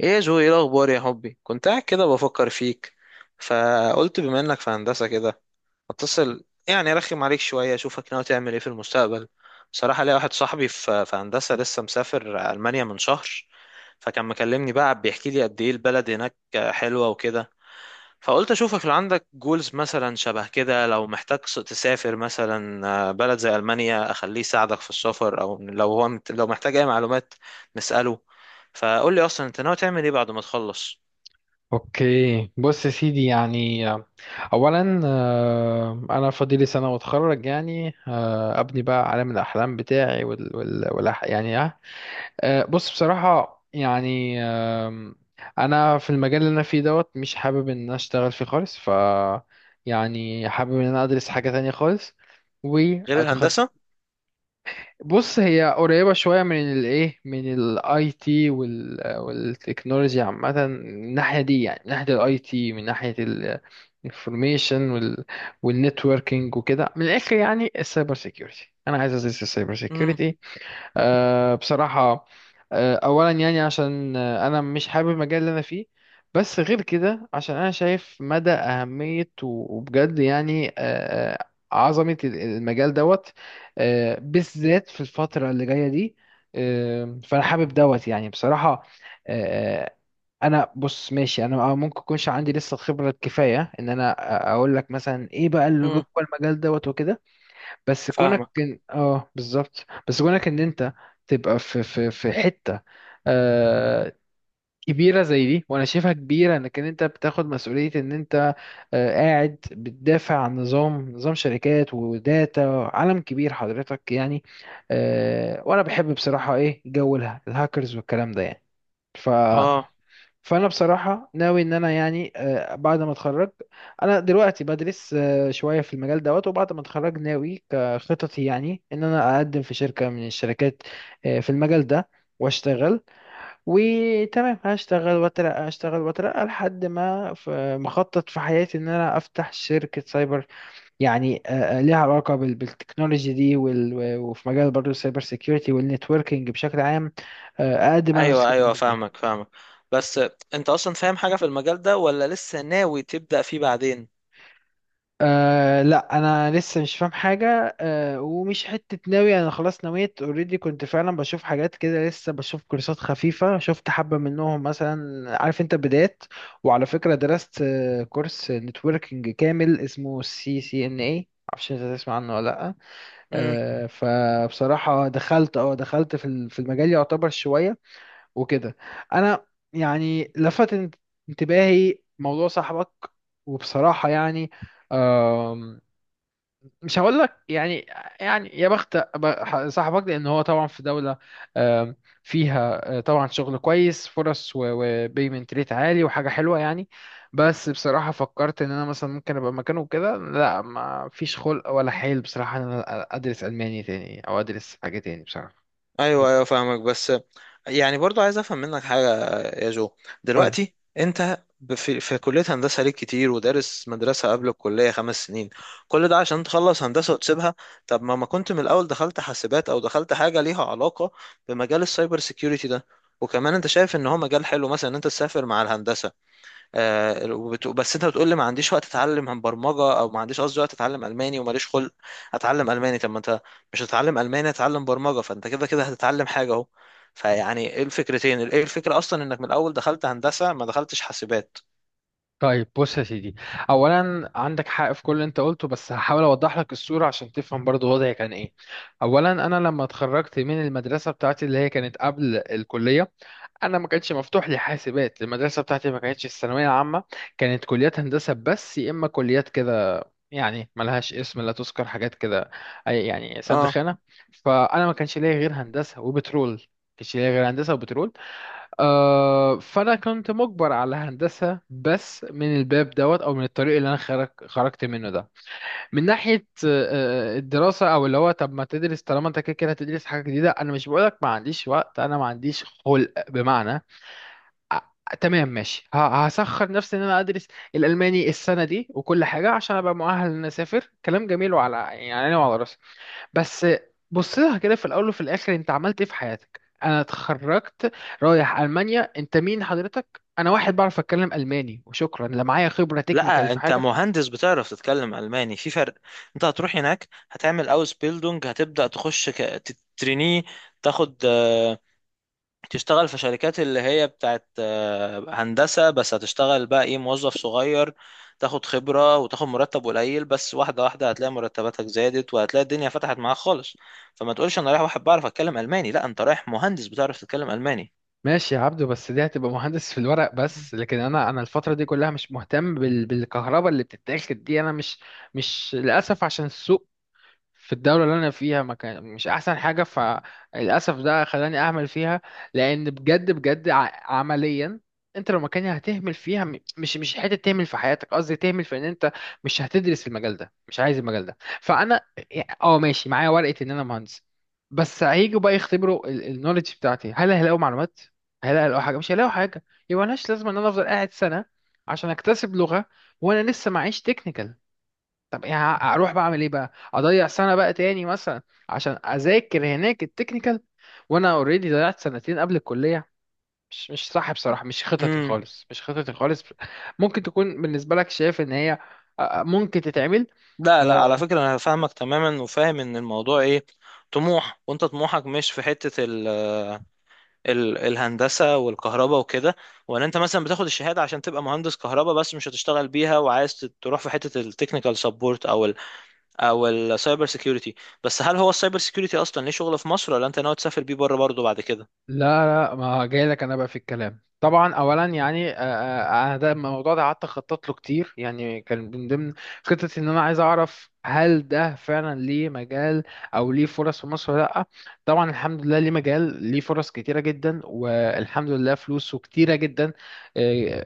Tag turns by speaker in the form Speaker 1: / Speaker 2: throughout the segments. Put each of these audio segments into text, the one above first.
Speaker 1: ايه يا جو؟ ايه الاخبار يا حبي؟ كنت قاعد كده بفكر فيك، فقلت بما انك في هندسه كده اتصل، يعني ارخم عليك شويه اشوفك ناوي تعمل ايه في المستقبل. بصراحه ليا واحد صاحبي في هندسه، لسه مسافر المانيا من شهر، فكان مكلمني بقى بيحكي لي قد ايه البلد هناك حلوه وكده. فقلت اشوفك لو عندك جولز مثلا شبه كده، لو محتاج تسافر مثلا بلد زي المانيا اخليه يساعدك في السفر، او لو محتاج اي معلومات نساله. فقول لي اصلا انت ناوي تعمل ايه بعد ما تخلص
Speaker 2: اوكي، بص يا سيدي، يعني اولا انا فاضلي سنه واتخرج، يعني ابني بقى عالم الاحلام بتاعي. يعني بص، بصراحه يعني انا في المجال اللي انا فيه دوت مش حابب ان انا اشتغل فيه خالص، ف يعني حابب ان انا ادرس حاجه تانية خالص
Speaker 1: غير
Speaker 2: واتخصص.
Speaker 1: الهندسه؟
Speaker 2: بص، هي قريبة شوية من الايه، من الاي تي والتكنولوجي عامة، من الناحية دي يعني، من ناحية الاي تي، من ناحية الانفورميشن والنتوركينج وكده، من الاخر يعني السايبر سيكيورتي. انا عايز ازيد السايبر
Speaker 1: امم،
Speaker 2: سيكيورتي. بصراحة، أولا يعني عشان أنا مش حابب المجال اللي أنا فيه، بس غير كده عشان أنا شايف مدى أهمية وبجد يعني آه، عظمة المجال دوت، بالذات في الفترة اللي جاية دي. فأنا حابب دوت يعني بصراحة. آه، آه، أنا بص ماشي، أنا ممكن يكونش عندي لسه الخبرة الكفاية إن أنا أقول لك مثلا إيه بقى اللي جوه
Speaker 1: امم.
Speaker 2: المجال دوت وكده، بس كونك
Speaker 1: فاهمك.
Speaker 2: إن... اه بالظبط. بس كونك ان انت تبقى في حته آه كبيره زي دي، وانا شايفها كبيره، انك إن انت بتاخد مسؤوليه، ان انت قاعد بتدافع عن نظام شركات وداتا، عالم كبير حضرتك يعني. وانا بحب بصراحه ايه جو الهاكرز والكلام ده يعني.
Speaker 1: اه.
Speaker 2: فانا بصراحه ناوي ان انا يعني بعد ما اتخرج، انا دلوقتي بدرس شويه في المجال دوت، وبعد ما اتخرج ناوي كخططي يعني ان انا اقدم في شركه من الشركات في المجال ده واشتغل. وتمام، هشتغل واترقى، هشتغل واترقى لحد ما مخطط في حياتي ان انا افتح شركه سايبر، يعني ليها علاقه بالتكنولوجي دي وفي مجال برضه السايبر سيكيورتي والنتوركينج بشكل عام. اقدم انا
Speaker 1: ايوه،
Speaker 2: الخدمات
Speaker 1: ايوه،
Speaker 2: دي.
Speaker 1: فاهمك، فاهمك. بس انت اصلا فاهم حاجه في المجال ده ولا لسه ناوي تبدا فيه بعدين؟
Speaker 2: لا انا لسه مش فاهم حاجه. ومش حته ناوي، انا خلاص نويت اوريدي، كنت فعلا بشوف حاجات كده، لسه بشوف كورسات خفيفه، شفت حبه منهم مثلا، عارف انت، بدايات. وعلى فكره درست كورس نتوركينج كامل اسمه CCNA، معرفش انت تسمع عنه ولا لا. فبصراحه دخلت في في المجال يعتبر شويه وكده. انا يعني لفت انتباهي موضوع صاحبك. وبصراحه يعني مش هقول لك يعني يا بخت صاحبك، لان هو طبعا في دوله آم، فيها طبعا شغل كويس، فرص وبيمنت ريت عالي وحاجه حلوه يعني. بس بصراحه فكرت ان انا مثلا ممكن ابقى مكانه كده، لا، ما فيش خلق ولا حيل بصراحه ان انا ادرس الماني تاني، او ادرس حاجه تاني بصراحه.
Speaker 1: ايوه، ايوه، فاهمك. بس يعني برضو عايز افهم منك حاجه يا جو.
Speaker 2: قول.
Speaker 1: دلوقتي انت في كليه هندسه ليك كتير، ودارس مدرسه قبل الكليه 5 سنين، كل ده عشان تخلص هندسه وتسيبها؟ طب ما كنت من الاول دخلت حاسبات او دخلت حاجه ليها علاقه بمجال السايبر سيكيورتي ده؟ وكمان انت شايف ان هو مجال حلو مثلا ان انت تسافر مع الهندسه. بس انت بتقول لي ما عنديش وقت اتعلم عن برمجه، او ما عنديش قصدي وقت اتعلم الماني وماليش خلق اتعلم الماني. طب ما انت مش هتتعلم الماني، هتتعلم برمجه، فانت كده كده هتتعلم حاجه اهو. فيعني ايه الفكرتين، ايه الفكره اصلا انك من الاول دخلت هندسه ما دخلتش حاسبات؟
Speaker 2: طيب بص يا سيدي، اولا عندك حق في كل اللي انت قلته، بس هحاول اوضح لك الصوره عشان تفهم برضو وضعي كان ايه. اولا انا لما اتخرجت من المدرسه بتاعتي اللي هي كانت قبل الكليه، انا ما كانش مفتوح لي حاسبات. المدرسه بتاعتي ما كانتش الثانويه عامه، كانت كليات هندسه بس، يا اما كليات كده، يعني ملهاش اسم لا تذكر، حاجات كده، يعني سد
Speaker 1: اه.
Speaker 2: خانه. فانا ما كانش ليا غير هندسه وبترول، ما كانش ليا غير هندسه وبترول. فانا كنت مجبر على هندسه بس، من الباب دوت او من الطريق اللي انا خرجت منه ده، من ناحيه الدراسه. او اللي هو طب ما تدرس، طالما انت كده كده هتدرس حاجه جديده؟ انا مش بقولك ما عنديش وقت، انا ما عنديش خلق، بمعنى آه، تمام ماشي، هسخر نفسي ان انا ادرس الالماني السنه دي وكل حاجه عشان ابقى مؤهل ان أنا اسافر، كلام جميل، وعلى يعني عيني وعلى راسي. بس، بص لها كده، في الاول وفي الاخر انت عملت ايه في حياتك؟ انا اتخرجت، رايح المانيا، انت مين حضرتك؟ انا واحد بعرف اتكلم الماني وشكرا. لا، معايا خبره تكنيكال
Speaker 1: لا،
Speaker 2: في
Speaker 1: انت
Speaker 2: حاجه.
Speaker 1: مهندس بتعرف تتكلم الماني، في فرق. انت هتروح هناك، هتعمل اوس بيلدونج، هتبدا تخش تترينيه، تاخد تشتغل في شركات اللي هي بتاعت هندسة، بس هتشتغل بقى ايه، موظف صغير، تاخد خبرة وتاخد مرتب قليل، بس واحدة واحدة هتلاقي مرتباتك زادت وهتلاقي الدنيا فتحت معاك خالص. فما تقولش انا رايح واحد بعرف اتكلم ألماني، لا، انت رايح مهندس بتعرف تتكلم ألماني.
Speaker 2: ماشي يا عبدو، بس دي هتبقى مهندس في الورق بس، لكن انا، الفتره دي كلها مش مهتم بالكهرباء اللي بتتاخد دي. انا مش للاسف عشان السوق في الدولة اللي أنا فيها ما كان مش أحسن حاجة، فللأسف ده خلاني أهمل فيها. لأن بجد بجد عمليا أنت لو مكاني هتهمل فيها، مش حتة تهمل في حياتك، قصدي تهمل في إن أنت مش هتدرس المجال ده، مش عايز المجال ده. فأنا ماشي، معايا ورقة إن أنا مهندس، بس هيجوا بقى يختبروا النولج بتاعتي، هل هيلاقوا معلومات؟ هل هيلاقوا حاجة؟ مش هيلاقوا حاجة. يبقى ملهاش لازمة إن أنا أفضل قاعد سنة عشان أكتسب لغة وأنا لسه معيش تكنيكال. طب يعني اروح بعمل ايه بقى؟ اضيع سنه بقى تاني مثلا عشان اذاكر هناك التكنيكال؟ وانا اوريدي ضيعت سنتين قبل الكليه. مش صح بصراحه، مش خططي
Speaker 1: امم.
Speaker 2: خالص، مش خططي خالص ممكن تكون بالنسبه لك شايف ان هي ممكن تتعمل.
Speaker 1: لا، لا، على فكرة انا فاهمك تماما وفاهم ان الموضوع ايه، طموح، وانت طموحك مش في حتة الهندسة والكهرباء وكده. ولا انت مثلا بتاخد الشهادة عشان تبقى مهندس كهرباء بس مش هتشتغل بيها، وعايز تروح في حتة التكنيكال سبورت او او السايبر سيكيورتي؟ بس هل هو السايبر سيكيورتي اصلا ليه شغل في مصر، ولا انت ناوي تسافر بيه بره برضه بعد كده؟
Speaker 2: لا لا، ما جاي لك انا بقى في الكلام. طبعا اولا يعني انا ده الموضوع ده قعدت اخطط له كتير. يعني كان من ضمن خطتي ان انا عايز اعرف هل ده فعلا ليه مجال او ليه فرص في مصر ولا لا؟ طبعا الحمد لله ليه مجال، ليه فرص كتيره جدا، والحمد لله فلوسه كتيره جدا. آه،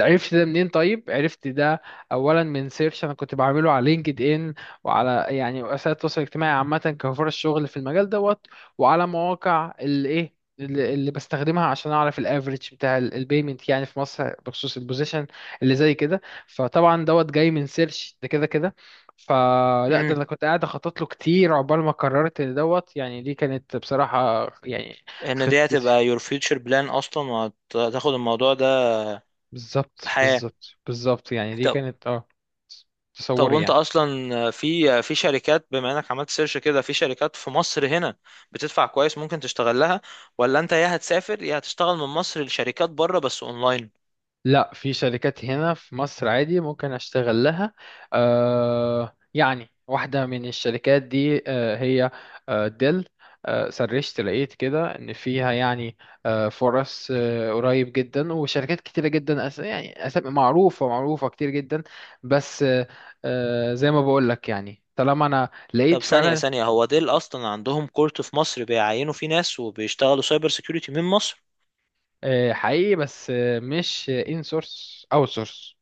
Speaker 2: عرفت ده منين؟ طيب، عرفت ده اولا من سيرش انا كنت بعمله على لينكد ان، وعلى يعني وسائل التواصل الاجتماعي عامه، كفرص شغل في المجال دوت. وعلى مواقع الايه اللي بستخدمها عشان اعرف الافريج بتاع البيمنت يعني في مصر بخصوص البوزيشن اللي زي كده. فطبعا دوت جاي من سيرش ده كده كده. فلا، ده
Speaker 1: امم.
Speaker 2: انا كنت قاعد اخطط له كتير عقبال ما قررت ان دوت يعني، دي كانت بصراحة يعني
Speaker 1: ان دي
Speaker 2: خطتي.
Speaker 1: هتبقى your future plan اصلا وهتاخد الموضوع ده؟
Speaker 2: بالظبط
Speaker 1: حياة.
Speaker 2: بالظبط بالظبط، يعني دي
Speaker 1: طب
Speaker 2: كانت
Speaker 1: طب
Speaker 2: تصوري
Speaker 1: وانت
Speaker 2: يعني.
Speaker 1: اصلا في شركات، بما انك عملت سيرش كده في شركات في مصر هنا بتدفع كويس ممكن تشتغل لها، ولا انت يا هتسافر يا هتشتغل من مصر لشركات بره بس اونلاين؟
Speaker 2: لا، في شركات هنا في مصر عادي ممكن اشتغل لها. يعني واحدة من الشركات دي هي ديل. سرشت لقيت كده ان فيها يعني فرص قريب جدا، وشركات كتيرة جدا، يعني أسامي معروفة، معروفة كتير جدا، بس زي ما بقول لك يعني طالما انا لقيت
Speaker 1: طب، ثانية
Speaker 2: فعلا
Speaker 1: ثانية، هو ديل اصلا عندهم كورت في مصر بيعينوا فيه ناس وبيشتغلوا سايبر سيكيورتي من مصر؟
Speaker 2: حقيقي. بس مش ان سورس، اوت سورس،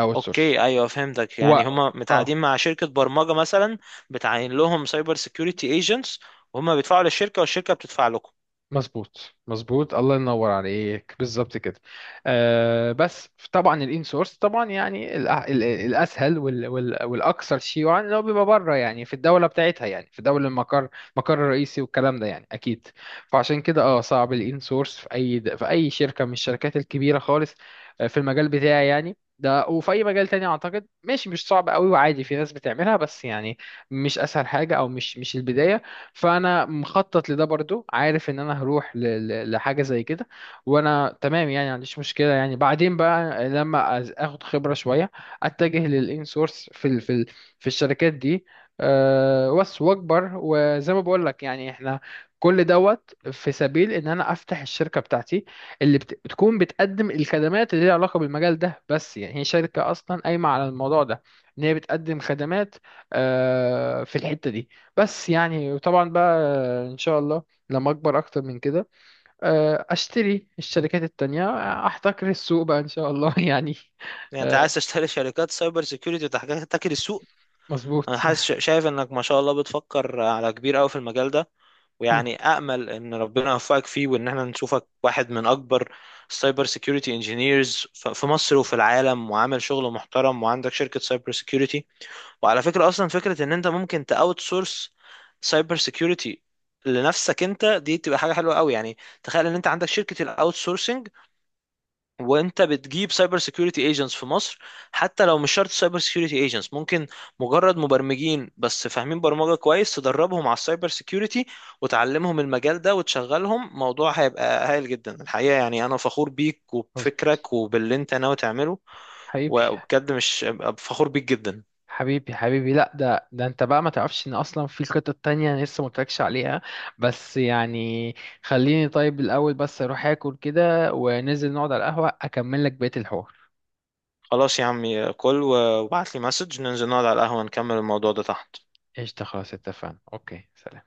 Speaker 2: اوت سورس
Speaker 1: اوكي، ايوه، فهمتك.
Speaker 2: و
Speaker 1: يعني هما
Speaker 2: اه
Speaker 1: متعاقدين مع شركة برمجة مثلا بتعين لهم سايبر سيكيورتي ايجنتس، وهما بيدفعوا للشركة والشركة بتدفع لكم.
Speaker 2: مظبوط، مظبوط، الله ينور عليك، بالظبط كده. بس طبعا الان سورس طبعا يعني الاسهل والاكثر شيوعا، اللي هو بيبقى بره يعني، في الدوله بتاعتها يعني، في دوله المقر، المقر الرئيسي والكلام ده يعني، اكيد. فعشان كده صعب الان سورس في اي شركه من الشركات الكبيره خالص في المجال بتاعي يعني ده. وفي اي مجال تاني اعتقد ماشي، مش صعب قوي، وعادي في ناس بتعملها، بس يعني مش اسهل حاجه، او مش البدايه. فانا مخطط لده برضو، عارف ان انا هروح لحاجه زي كده، وانا تمام يعني ما عنديش مشكله، يعني بعدين بقى لما اخد خبره شويه اتجه للانسورس في ال في ال في الشركات دي. بس واكبر، وزي ما بقول لك يعني، احنا كل دوت في سبيل ان انا افتح الشركه بتاعتي، اللي بتكون بتقدم الخدمات اللي ليها علاقه بالمجال ده، بس يعني هي شركه اصلا قايمه على الموضوع ده، ان هي بتقدم خدمات في الحته دي، بس يعني. وطبعا بقى ان شاء الله لما اكبر اكتر من كده، اشتري الشركات التانية، احتكر السوق بقى ان شاء الله يعني.
Speaker 1: يعني انت
Speaker 2: آه،
Speaker 1: عايز تشتري شركات سايبر سيكيورتي وتحتكر السوق؟
Speaker 2: مظبوط
Speaker 1: انا حاسس، شايف انك ما شاء الله بتفكر على كبير قوي في المجال ده، ويعني امل ان ربنا يوفقك فيه وان احنا نشوفك واحد من اكبر سايبر سيكيورتي انجينيرز في مصر وفي العالم، وعامل شغل محترم وعندك شركة سايبر سيكيورتي. وعلى فكرة، اصلا فكرة ان انت ممكن تاوت سورس سايبر سيكيورتي لنفسك انت، دي تبقى حاجة حلوة قوي يعني. تخيل ان انت عندك شركة الاوت، وانت بتجيب سايبر سيكيورتي ايجنتس في مصر، حتى لو مش شرط سايبر سيكيورتي ايجنتس، ممكن مجرد مبرمجين بس فاهمين برمجة كويس تدربهم على السايبر سيكيورتي وتعلمهم المجال ده وتشغلهم. موضوع هيبقى هايل جدا الحقيقة. يعني انا فخور بيك
Speaker 2: مظبوط،
Speaker 1: وبفكرك وباللي انت ناوي تعمله،
Speaker 2: حبيبي
Speaker 1: وبجد مش فخور بيك جدا.
Speaker 2: حبيبي حبيبي. لا، ده انت بقى ما تعرفش ان اصلا في خطط تانية انا لسه ما قلتلكش عليها. بس يعني خليني طيب الاول بس اروح اكل كده، وننزل نقعد على القهوة اكمل لك بقية الحوار.
Speaker 1: خلاص يا عمي، كل وابعت لي مسج، ننزل نقعد على القهوة نكمل الموضوع ده تحت.
Speaker 2: قشطة، خلاص اتفقنا. اوكي، سلام.